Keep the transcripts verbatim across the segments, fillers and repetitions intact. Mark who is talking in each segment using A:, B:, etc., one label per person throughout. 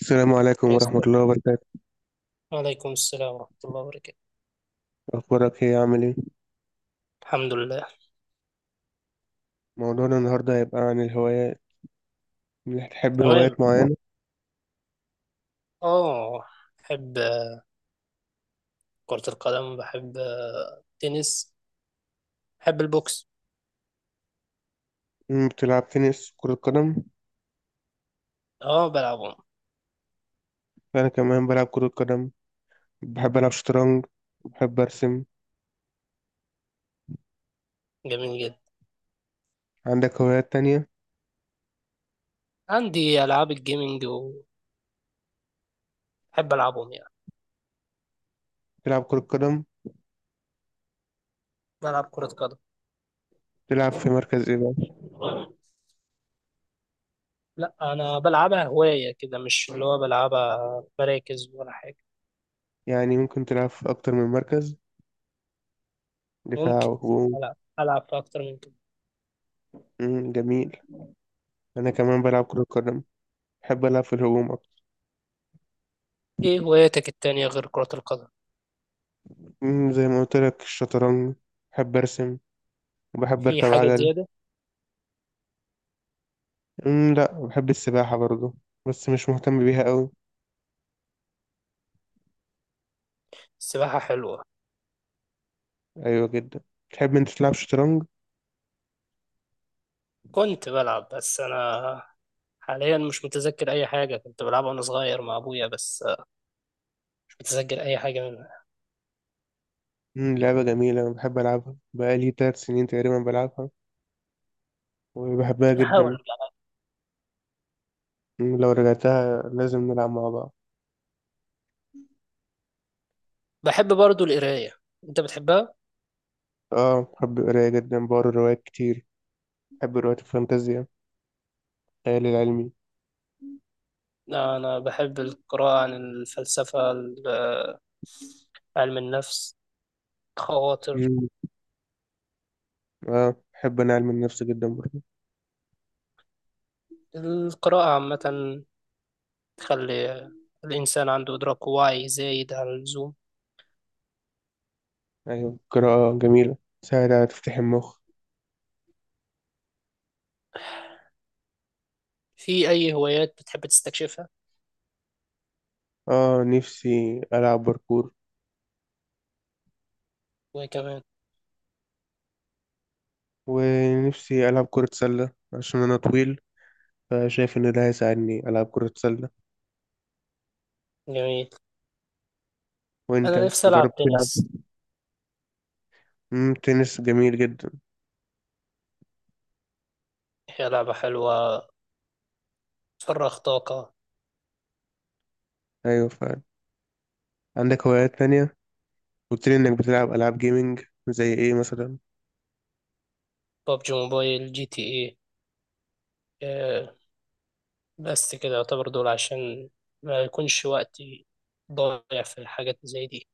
A: السلام عليكم ورحمة
B: يسلم.
A: الله وبركاته.
B: وعليكم السلام ورحمة الله وبركاته.
A: أخبارك إيه عامل إيه؟
B: الحمد لله.
A: موضوعنا النهاردة هيبقى عن الهوايات. إنك تحب
B: تمام.
A: هوايات معينة.
B: اه، بحب آه، كرة القدم. بحب آه، التنس. بحب البوكس.
A: أمم، بتلعب تنس كرة قدم؟
B: اه، بلعبهم.
A: أنا كمان بلعب كرة قدم. بحب ألعب شطرنج. بحب أرسم.
B: جميل جدا.
A: عندك هوايات تانية؟
B: عندي ألعاب الجيمنج وبحب ألعبهم يعني.
A: تلعب كرة قدم؟
B: بلعب كرة قدم.
A: تلعب في مركز إيه بقى؟
B: لا، أنا بلعبها هواية كده، مش اللي هو بلعبها مراكز ولا حاجة.
A: يعني ممكن تلعب في أكتر من مركز، دفاع
B: ممكن
A: وهجوم.
B: ألعب ألعب في أكتر من كده.
A: أمم، جميل. أنا كمان بلعب كرة قدم. بحب ألعب في الهجوم أكتر.
B: إيه هواياتك التانية غير كرة القدم؟
A: أمم، زي ما قلت لك، الشطرنج. بحب أرسم. وبحب
B: في
A: أركب
B: حاجة
A: عجل.
B: زيادة؟
A: امم لا، بحب السباحة برضو. بس مش مهتم بيها قوي.
B: السباحة حلوة.
A: ايوه جدا. تحب انت تلعب شطرنج؟
B: كنت بلعب، بس أنا حاليا مش متذكر اي حاجه كنت بلعبها وانا صغير مع ابويا، بس آه، مش متذكر اي حاجه منها.
A: امم لعبة جميلة. انا بحب العبها بقالي تلات سنين تقريبا بلعبها. وبحبها
B: احاول
A: جدا.
B: ارجع.
A: مم، لو رجعتها لازم نلعب مع بعض.
B: بحب برضو القرايه. انت بتحبها؟
A: اه بحب القراية جدا، بقرا روايات كتير. بحب روايات الفانتازيا، الخيال العلمي.
B: انا بحب القراءه عن الفلسفه، ال- آه، علم النفس، خواطر.
A: امم اه، بحب انا علم النفس جدا برضو.
B: القراءه عامه تخلي الانسان عنده ادراك واعي زايد عن اللزوم.
A: ايوه قراءة جميلة، تساعد على تفتح المخ.
B: في اي هوايات بتحب تستكشفها؟
A: اه، نفسي العب باركور.
B: وكمان.
A: ونفسي العب كرة سلة عشان انا طويل. فشايف إن ده هيساعدني ألعب كرة سلة.
B: جميل.
A: وأنت؟
B: انا نفسي العب
A: جربت تلعب؟
B: تنس.
A: مم، تنس جميل جدا.
B: هي لعبه حلوه، تفرغ طاقه.
A: أيوة فعلا. عندك هوايات تانية؟ قلت لي إنك بتلعب ألعاب جيمنج، زي إيه مثلا؟
B: ببجي موبايل، جي تي ايه، آه، بس كده يعتبر، دول عشان ما يكونش وقتي ضايع في الحاجات زي دي.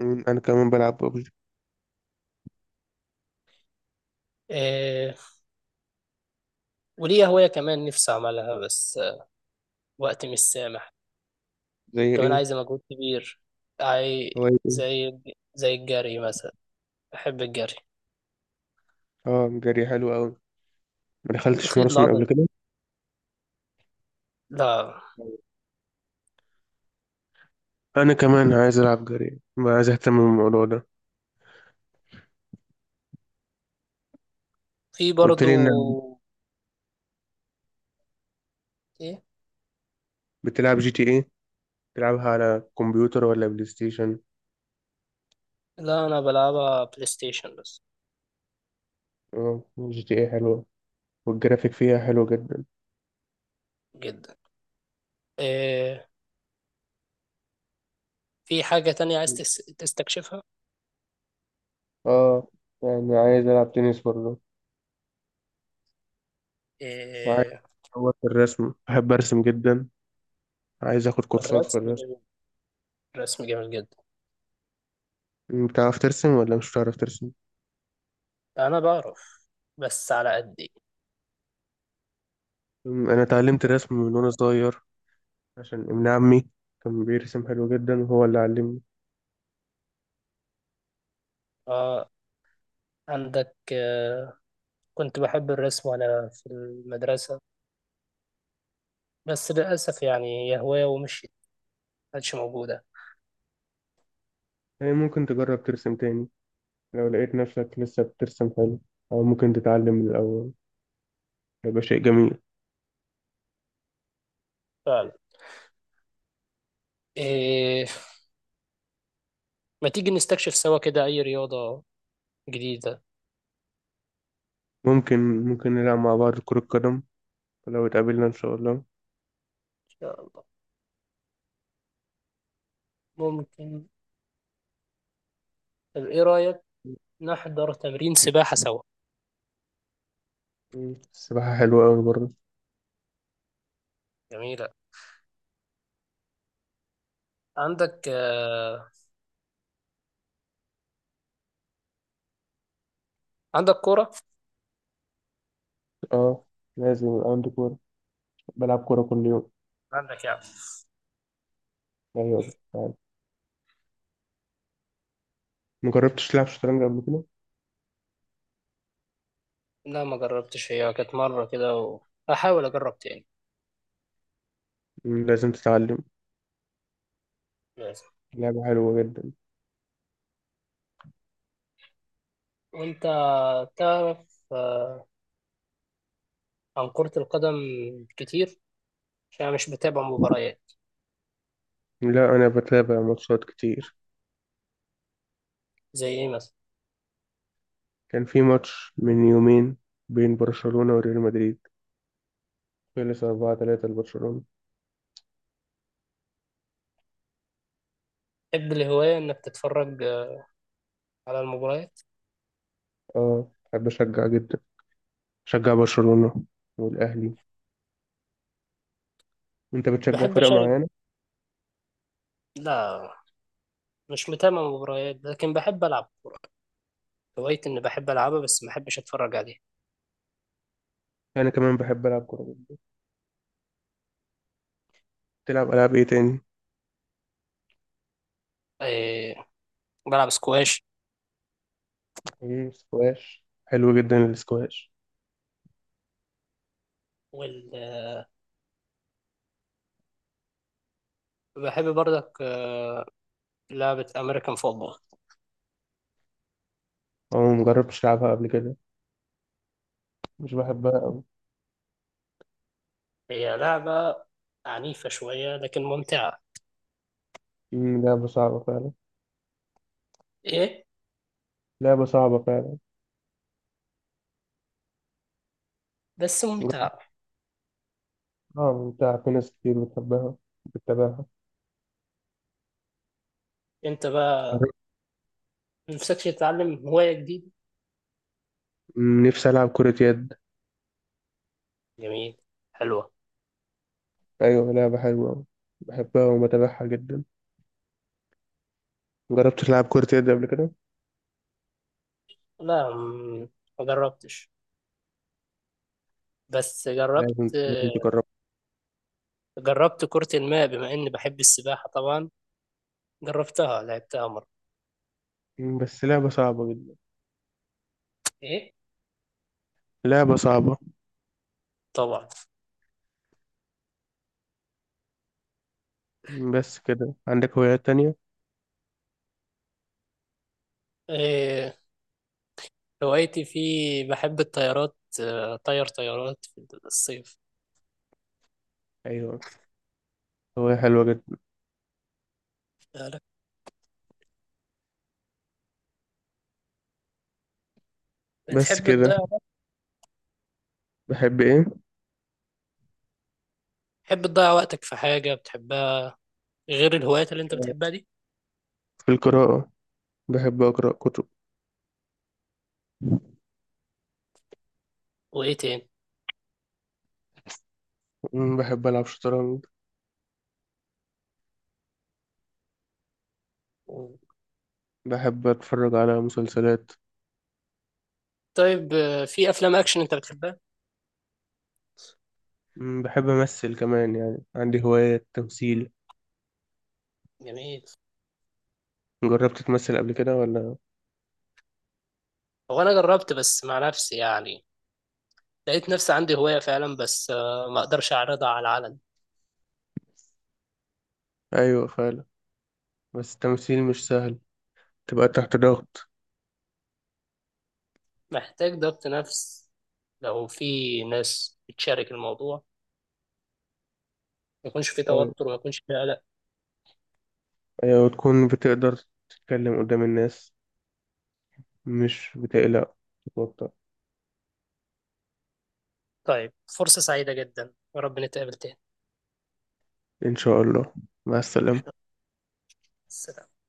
A: مم، أنا كمان بلعب ببجي.
B: إيه. وليا هواية كمان نفسي أعملها، بس آه، وقتي مش سامح.
A: زي
B: كمان
A: إيه؟
B: عايزة مجهود كبير. عاي
A: هواية إيه؟
B: زي زي الجري مثلا. بحب الجري.
A: آه، جري حلو أوي. ما دخلتش
B: الخيط
A: ماراثون قبل
B: العضلي.
A: كده؟
B: لا.
A: أنا كمان عايز ألعب جري، ما عايز أهتم بالموضوع ده.
B: في
A: قلت لي إنك
B: برضو. إيه.
A: بتلعب جي تي إيه. بتلعبها على كمبيوتر ولا بلاي ستيشن؟
B: لا، أنا بلعبها بلاي ستيشن بس.
A: اه، جي تي إيه حلوة. والجرافيك فيها حلو جدا.
B: جدا. إيه. في حاجة تانية عايز تس- تستكشفها؟
A: اه، يعني عايز العب تنس برضه. عايز
B: إيه.
A: اطور في الرسم، بحب ارسم جدا. عايز اخد كورسات في
B: الرسم
A: الرسم.
B: جميل. الرسم جميل جدا.
A: أم، بتعرف ترسم ولا مش بتعرف ترسم؟
B: أنا بعرف بس على قدي.
A: أم، انا اتعلمت الرسم من وانا صغير. عشان ابن عمي كان بيرسم حلو جدا وهو اللي علمني.
B: آه. عندك آه كنت بحب الرسم وأنا في المدرسة، بس للأسف يعني هي هواية ومشيت، مكانتش موجودة.
A: يعني ممكن تجرب ترسم تاني. لو لقيت نفسك لسه بترسم حلو، او ممكن تتعلم من الاول. هيبقى شيء جميل.
B: فعلا. إيه. ما تيجي نستكشف سوا كده أي رياضة جديدة؟ إن
A: ممكن ممكن نلعب مع بعض كرة قدم لو اتقابلنا ان شاء الله.
B: شاء الله. ممكن. طب إيه رأيك نحضر تمرين سباحة سوا؟
A: أم، السباحة حلوة أوي برضه.
B: جميلة. عندك آه عندك كورة؟
A: اه، لازم يبقى عندي كورة. بلعب كورة كل يوم.
B: عندك يعني.
A: ايوه فعلا. ما جربتش تلعب شطرنج قبل كده؟
B: لا، ما جربتش، هي كانت مرة كده، وهحاول أجرب تاني.
A: مم، لازم تتعلم. لعبة حلوة جدا.
B: وانت تعرف آه، عن كرة القدم كتير؟ عشان أنا مش بتابع مباريات.
A: لا، انا بتابع ماتشات كتير.
B: زي ايه مثلا؟
A: كان في ماتش من يومين بين برشلونة وريال مدريد. خلص أربعة ثلاثة لبرشلونة.
B: تحب الهواية انك تتفرج آه، على المباريات؟
A: اه بحب اشجع جدا. شجع برشلونة والاهلي. انت بتشجع
B: بحب
A: فرق
B: اشارك.
A: معينة؟
B: لا، مش متابع مباريات لكن بحب العب كورة. هوايتي اني بحب العبها بس ما بحبش اتفرج عليها.
A: انا كمان بحب العب كورة جدا. تلعب العاب ايه تاني؟
B: إيه. بلعب سكواش.
A: ايه، سكواش حلو جدا السكواش.
B: وال... آه، بحب برضك آه، لعبة امريكان فوتبول.
A: اه، مجربتش العبها قبل كده. مش بحبها قوي.
B: هي لعبة عنيفة شوية، لكن ممتعة.
A: مم، لعبة صعبة فعلا.
B: ايه.
A: لعبة صعبة فعلا.
B: بس ممتعة.
A: اه ممتعة، في ناس كتير بتحبها، بتتابعها.
B: انت بقى،
A: عارف،
B: نفسكش تتعلم هواية جديدة؟
A: نفسي ألعب كرة يد.
B: جميل. حلوة.
A: أيوة لعبة حلوة أوي. بحبها وبتابعها جدا. مجربتش تلعب كرة يد قبل كده؟
B: لا، م- ما جربتش، بس جربت.
A: لازم لازم تجربها.
B: جربت كرة الماء، بما إني بحب السباحة طبعا، جربتها لعبتها مرة.
A: بس لعبة صعبة جدا.
B: إيه.
A: لعبة صعبة.
B: طبعا.
A: بس كده؟ عندك هوايات تانية؟
B: إيه. هوايتي في. بحب الطيارات، آه، طير طيارات في الصيف.
A: أيوة، هواية حلوة جدا.
B: بالك.
A: بس
B: بتحب
A: كده.
B: تضيع وقت-
A: بحب إيه؟
B: بتحب تضيع وقتك في حاجة بتحبها غير الهوايات اللي أنت بتحبها دي؟
A: في القراءة، بحب أقرأ كتب.
B: وإيه تاني؟
A: مم، بحب ألعب شطرنج. بحب أتفرج على مسلسلات.
B: طيب آه، في أفلام أكشن أنت بتحبها؟
A: مم، بحب أمثل كمان، يعني عندي هواية تمثيل.
B: جميل.
A: جربت تمثل قبل كده ولا؟
B: هو أنا جربت بس مع نفسي يعني، لقيت نفسي عندي هواية فعلا، بس آه، ما اقدرش اعرضها على العلن.
A: ايوه فعلا. بس التمثيل مش سهل، تبقى تحت ضغط.
B: محتاج ضبط نفس لو في ناس بتشارك الموضوع، ما يكونش في
A: ايوه،
B: توتر وما يكونش في قلق.
A: ايوه، وتكون بتقدر تتكلم قدام الناس، مش بتقلق، تتوتر.
B: طيب، فرصة سعيدة جدا، يا رب نتقابل تاني.
A: ان شاء الله. مع السلامة.
B: سلام.